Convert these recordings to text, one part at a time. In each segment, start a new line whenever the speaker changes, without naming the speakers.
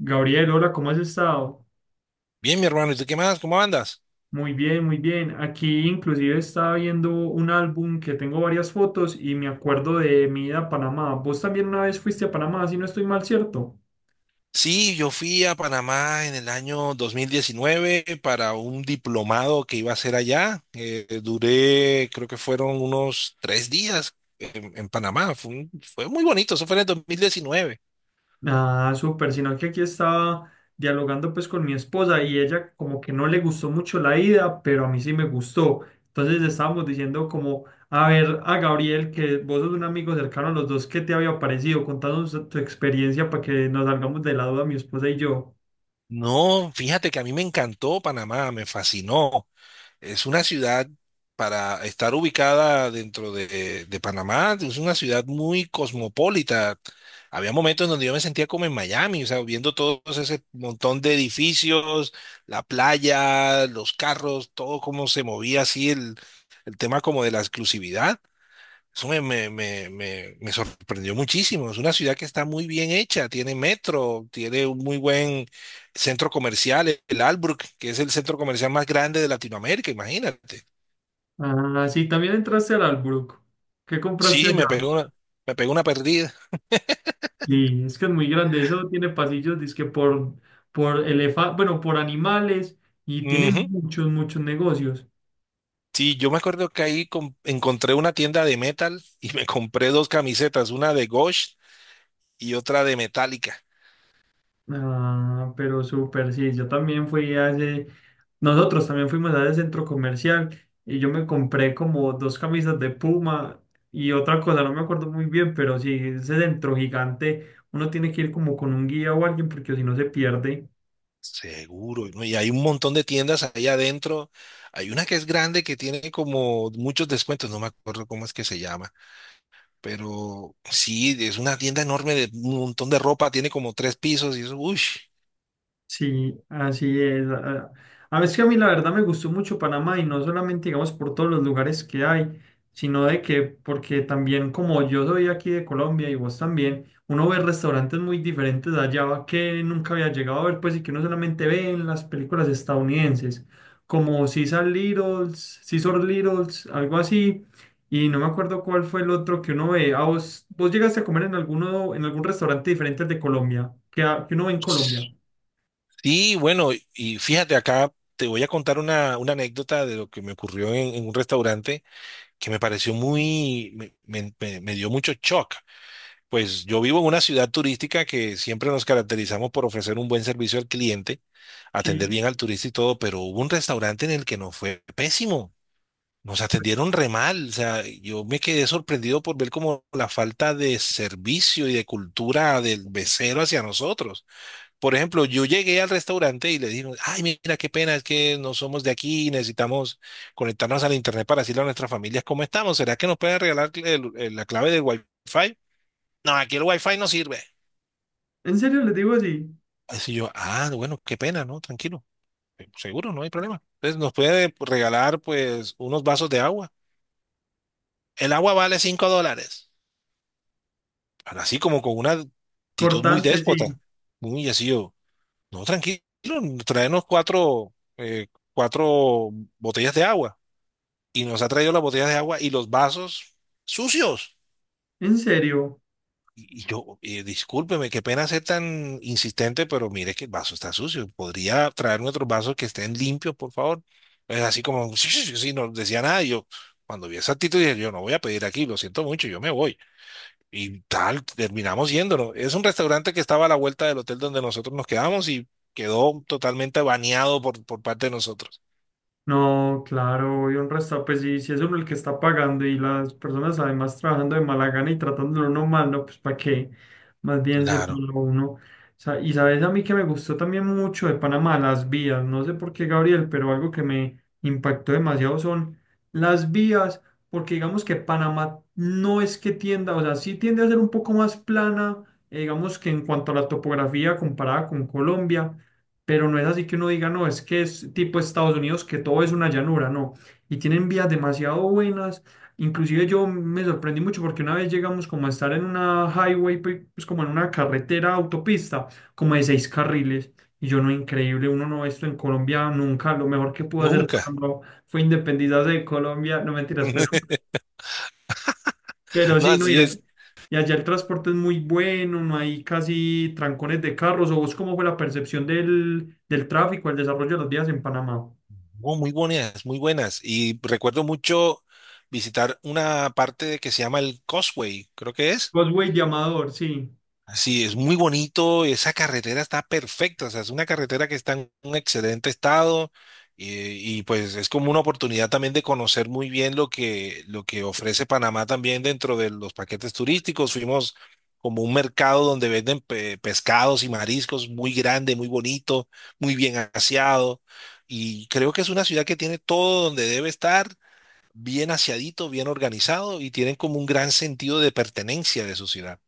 Gabriel, hola, ¿cómo has estado?
Bien, mi hermano, ¿y tú qué más? ¿Cómo andas?
Muy bien, muy bien. Aquí inclusive estaba viendo un álbum que tengo varias fotos y me acuerdo de mi ida a Panamá. Vos también una vez fuiste a Panamá, si no estoy mal, ¿cierto?
Sí, yo fui a Panamá en el año 2019 para un diplomado que iba a hacer allá. Duré, creo que fueron unos 3 días en Panamá. Fue muy bonito, eso fue en el 2019.
Ah, súper, sino que aquí estaba dialogando pues con mi esposa y ella como que no le gustó mucho la ida, pero a mí sí me gustó. Entonces estábamos diciendo como, a ver, a Gabriel, que vos sos un amigo cercano a los dos, ¿qué te había parecido? Contanos tu experiencia para que nos salgamos de la duda mi esposa y yo.
No, fíjate que a mí me encantó Panamá, me fascinó. Es una ciudad para estar ubicada dentro de Panamá, es una ciudad muy cosmopolita. Había momentos en donde yo me sentía como en Miami, o sea, viendo todo ese montón de edificios, la playa, los carros, todo cómo se movía así el tema como de la exclusividad. Eso me sorprendió muchísimo. Es una ciudad que está muy bien hecha, tiene metro, tiene un muy buen centro comercial, el Albrook, que es el centro comercial más grande de Latinoamérica, imagínate.
Ah, sí, también entraste al Albrook. ¿Qué compraste
Sí,
allá?
me pegó una perdida.
Sí, es que es muy grande. Eso tiene pasillos, dizque por, bueno, por animales y tiene
Ujú.
muchos negocios.
Sí, yo me acuerdo que ahí encontré una tienda de metal y me compré dos camisetas, una de Ghost y otra de Metallica.
Ah, pero súper, sí. Yo también fui a ese, nosotros también fuimos a ese centro comercial y yo me compré como dos camisas de Puma y otra cosa, no me acuerdo muy bien, pero sí, ese centro gigante, uno tiene que ir como con un guía o alguien porque si no se pierde.
Seguro, ¿no? Y hay un montón de tiendas ahí adentro. Hay una que es grande que tiene como muchos descuentos, no me acuerdo cómo es que se llama, pero sí, es una tienda enorme de un montón de ropa, tiene como tres pisos y eso, uy.
Sí, así es. A veces que a mí la verdad me gustó mucho Panamá y no solamente, digamos, por todos los lugares que hay, sino de que, porque también como yo soy aquí de Colombia y vos también, uno ve restaurantes muy diferentes de allá que nunca había llegado a ver, pues, y que uno solamente ve en las películas estadounidenses, como Cesar Littles, Cesar Littles, algo así, y no me acuerdo cuál fue el otro que uno ve. ¿A vos llegaste a comer en alguno, en algún restaurante diferente al de Colombia, que, que uno ve en Colombia?
Sí, bueno, y fíjate acá, te voy a contar una anécdota de lo que me ocurrió en un restaurante que me pareció muy, me dio mucho shock. Pues yo vivo en una ciudad turística que siempre nos caracterizamos por ofrecer un buen servicio al cliente, atender
Sí.
bien al turista y todo, pero hubo un restaurante en el que nos fue pésimo. Nos atendieron re mal, o sea, yo me quedé sorprendido por ver como la falta de servicio y de cultura del mesero hacia nosotros. Por ejemplo, yo llegué al restaurante y le dije, ay, mira, qué pena, es que no somos de aquí, y necesitamos conectarnos al internet para decirle a nuestras familias cómo estamos. ¿Será que nos pueden regalar la clave del Wi-Fi? No, aquí el Wi-Fi no sirve.
En serio les digo así.
Así yo, ah, bueno, qué pena, ¿no? Tranquilo. Seguro, no hay problema. Entonces nos puede regalar pues unos vasos de agua. El agua vale $5. Pero así como con una actitud muy
Cortante,
déspota.
sí.
Muy así yo. No, tranquilo, traernos cuatro, cuatro botellas de agua. Y nos ha traído las botellas de agua y los vasos sucios.
En serio.
Y yo, discúlpeme, qué pena ser tan insistente, pero mire que el vaso está sucio. ¿Podría traerme otros vasos que estén limpios, por favor? Es así como, sí, sí, sí, sí, no decía nada. Y yo, cuando vi esa actitud, dije, yo no voy a pedir aquí, lo siento mucho, yo me voy. Y tal, terminamos yéndonos. Es un restaurante que estaba a la vuelta del hotel donde nosotros nos quedamos y quedó totalmente baneado por parte de nosotros.
No, claro, y un restaurante, pues sí, si es uno el que está pagando y las personas además trabajando de mala gana y tratándolo uno mal, no, pues para qué, más bien se
Claro,
pone uno. O sea, y sabes a mí que me gustó también mucho de Panamá, las vías, no sé por qué Gabriel, pero algo que me impactó demasiado son las vías, porque digamos que Panamá no es que tienda, o sea, sí tiende a ser un poco más plana, digamos que en cuanto a la topografía comparada con Colombia, pero no es así que uno diga, no, es que es tipo Estados Unidos, que todo es una llanura, no. Y tienen vías demasiado buenas. Inclusive yo me sorprendí mucho porque una vez llegamos como a estar en una highway, pues como en una carretera autopista, como de seis carriles. Y yo no, increíble, uno no, ve esto en Colombia nunca. Lo mejor que pudo hacer, por
nunca.
ejemplo, fue independizarse de Colombia, no mentiras, pero... Pero
No,
sí, no,
así es.
y allá el transporte es muy bueno, no hay casi trancones de carros. ¿O vos cómo fue la percepción del tráfico, el desarrollo de los vías en Panamá?
Oh, muy buenas, muy buenas. Y recuerdo mucho visitar una parte que se llama el Causeway, creo que es.
Vos, güey, de Amador, sí.
Sí, es muy bonito, esa carretera está perfecta, o sea, es una carretera que está en un excelente estado y, pues es como una oportunidad también de conocer muy bien lo que ofrece Panamá también dentro de los paquetes turísticos. Fuimos como un mercado donde venden pescados y mariscos muy grande, muy bonito, muy bien aseado y creo que es una ciudad que tiene todo donde debe estar, bien aseadito, bien organizado y tienen como un gran sentido de pertenencia de su ciudad.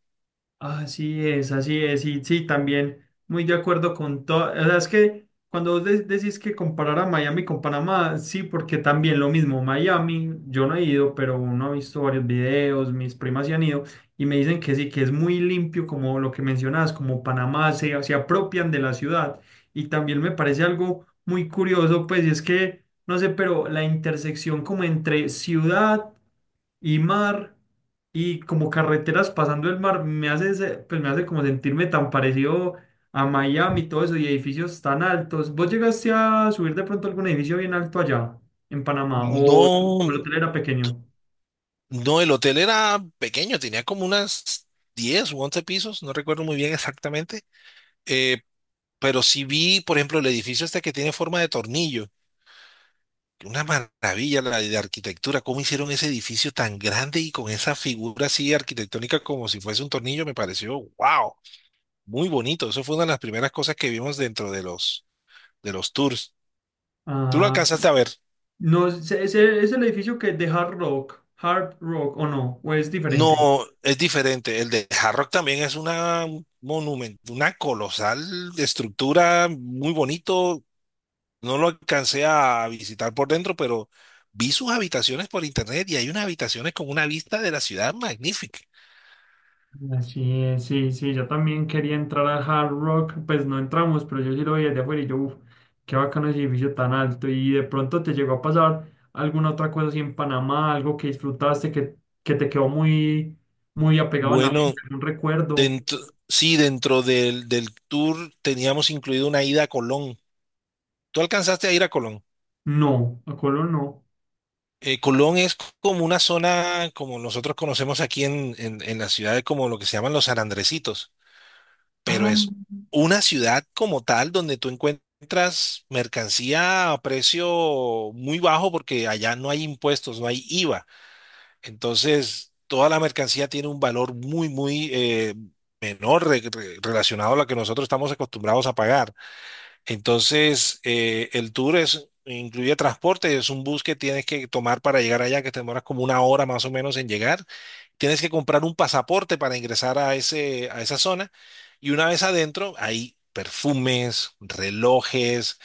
Así es, y sí, también muy de acuerdo con todo. O sea, es que cuando vos decís que comparar a Miami con Panamá, sí, porque también lo mismo, Miami, yo no he ido, pero uno ha visto varios videos, mis primas se han ido y me dicen que sí, que es muy limpio, como lo que mencionabas, como Panamá se apropian de la ciudad. Y también me parece algo muy curioso, pues, y es que, no sé, pero la intersección como entre ciudad y mar y como carreteras pasando el mar, me hace, pues me hace como sentirme tan parecido a Miami y todo eso y edificios tan altos. ¿Vos llegaste a subir de pronto algún edificio bien alto allá en Panamá o o
No,
el hotel era pequeño?
no, el hotel era pequeño, tenía como unas 10 u 11 pisos, no recuerdo muy bien exactamente, eh, pero sí vi, por ejemplo, el edificio este que tiene forma de tornillo, una maravilla la de arquitectura, cómo hicieron ese edificio tan grande y con esa figura así arquitectónica como si fuese un tornillo, me pareció, wow, muy bonito, eso fue una de las primeras cosas que vimos dentro de los tours. ¿Tú lo
Ah,
alcanzaste a ver?
no, ¿es, es el edificio que es de Hard Rock, Hard Rock o no? ¿O es
No,
diferente?
es diferente. El de Hard Rock también es una monumento, una colosal estructura, muy bonito. No lo alcancé a visitar por dentro, pero vi sus habitaciones por internet y hay unas habitaciones con una vista de la ciudad magnífica.
Así es, sí, sí, yo también quería entrar al Hard Rock, pues no entramos, pero yo sí lo vi desde afuera y yo, uff, qué bacano ese edificio tan alto. Y de pronto te llegó a pasar alguna otra cosa así en Panamá, algo que disfrutaste, que te quedó muy, muy apegado en la mente,
Bueno,
un recuerdo.
dentro, sí, dentro del tour teníamos incluido una ida a Colón. ¿Tú alcanzaste a ir a Colón?
No, a Colón no.
Colón es como una zona, como nosotros conocemos aquí en la ciudad, como lo que se llaman los San, pero
Ah,
es una ciudad como tal donde tú encuentras mercancía a precio muy bajo porque allá no hay impuestos, no hay IVA. Entonces, toda la mercancía tiene un valor muy, muy menor relacionado a lo que nosotros estamos acostumbrados a pagar. Entonces, el tour es, incluye transporte, es un bus que tienes que tomar para llegar allá, que te demoras como una hora más o menos en llegar. Tienes que comprar un pasaporte para ingresar a a esa zona. Y una vez adentro, hay perfumes, relojes,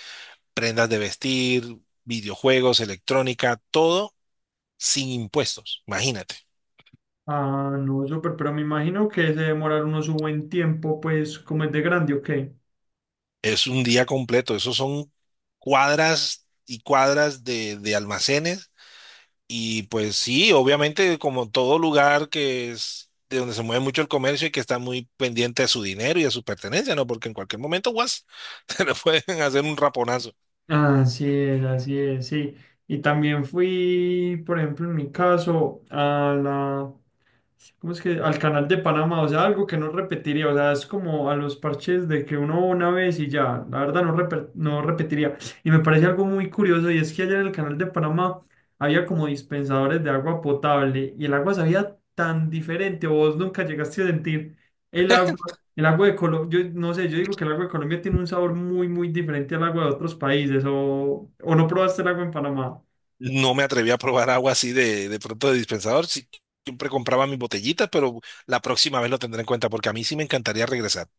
prendas de vestir, videojuegos, electrónica, todo sin impuestos. Imagínate,
ah, no, súper, pero me imagino que se demoraron unos un buen tiempo, pues, como es de grande, ¿o qué?
es un día completo. Esos son cuadras y cuadras de almacenes. Y pues sí, obviamente como todo lugar que es de donde se mueve mucho el comercio y que está muy pendiente de su dinero y de su pertenencia, ¿no? Porque en cualquier momento, guas, te le pueden hacer un raponazo.
Así es, sí. Y también fui, por ejemplo, en mi caso, a la, ¿cómo es que? Al canal de Panamá, o sea, algo que no repetiría, o sea, es como a los parches de que uno va una vez y ya, la verdad no, no repetiría. Y me parece algo muy curioso y es que allá en el canal de Panamá había como dispensadores de agua potable y el agua sabía tan diferente, o vos nunca llegaste a sentir el agua. El agua de Colombia, yo no sé, yo digo que el agua de Colombia tiene un sabor muy, muy diferente al agua de otros países, o no probaste el agua en Panamá.
No me atreví a probar agua así de pronto de dispensador. Sí, siempre compraba mis botellitas, pero la próxima vez lo tendré en cuenta porque a mí sí me encantaría regresar.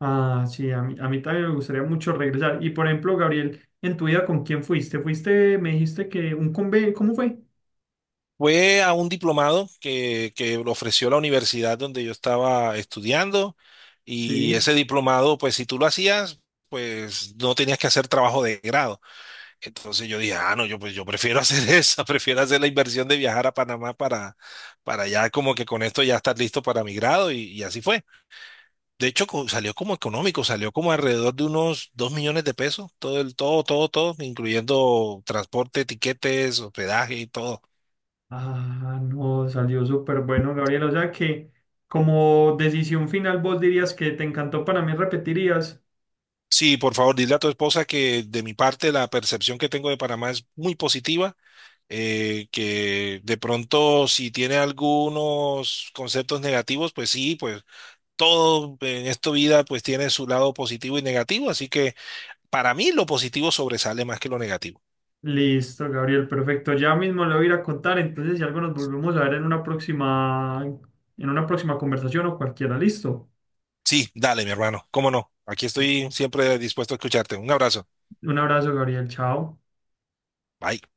Ah, sí, a mí también me gustaría mucho regresar. Y por ejemplo, Gabriel, en tu vida, ¿con quién fuiste? Fuiste, me dijiste que un conve, ¿cómo fue?
Fue a un diplomado que lo ofreció la universidad donde yo estaba estudiando y
Sí.
ese diplomado, pues si tú lo hacías, pues no tenías que hacer trabajo de grado. Entonces yo dije, ah, no, yo pues yo prefiero hacer esa, prefiero hacer la inversión de viajar a Panamá para, ya como que con esto ya estar listo para mi grado y así fue. De hecho, salió como económico, salió como alrededor de unos 2 millones de pesos, todo el, todo, todo, todo, incluyendo transporte, tiquetes, hospedaje y todo.
Ah, no, salió súper bueno, Gabriel. O sea que como decisión final, vos dirías que te encantó Panamá y repetirías.
Sí, por favor, dile a tu esposa que de mi parte la percepción que tengo de Panamá es muy positiva, que de pronto si tiene algunos conceptos negativos, pues sí, pues todo en esta vida pues tiene su lado positivo y negativo, así que para mí lo positivo sobresale más que lo negativo.
Listo, Gabriel, perfecto. Ya mismo le voy a ir a contar, entonces si algo nos volvemos a ver en una próxima conversación o cualquiera. Listo.
Sí, dale, mi hermano, cómo no. Aquí estoy siempre dispuesto a escucharte. Un abrazo.
Un abrazo, Gabriel. Chao.
Bye.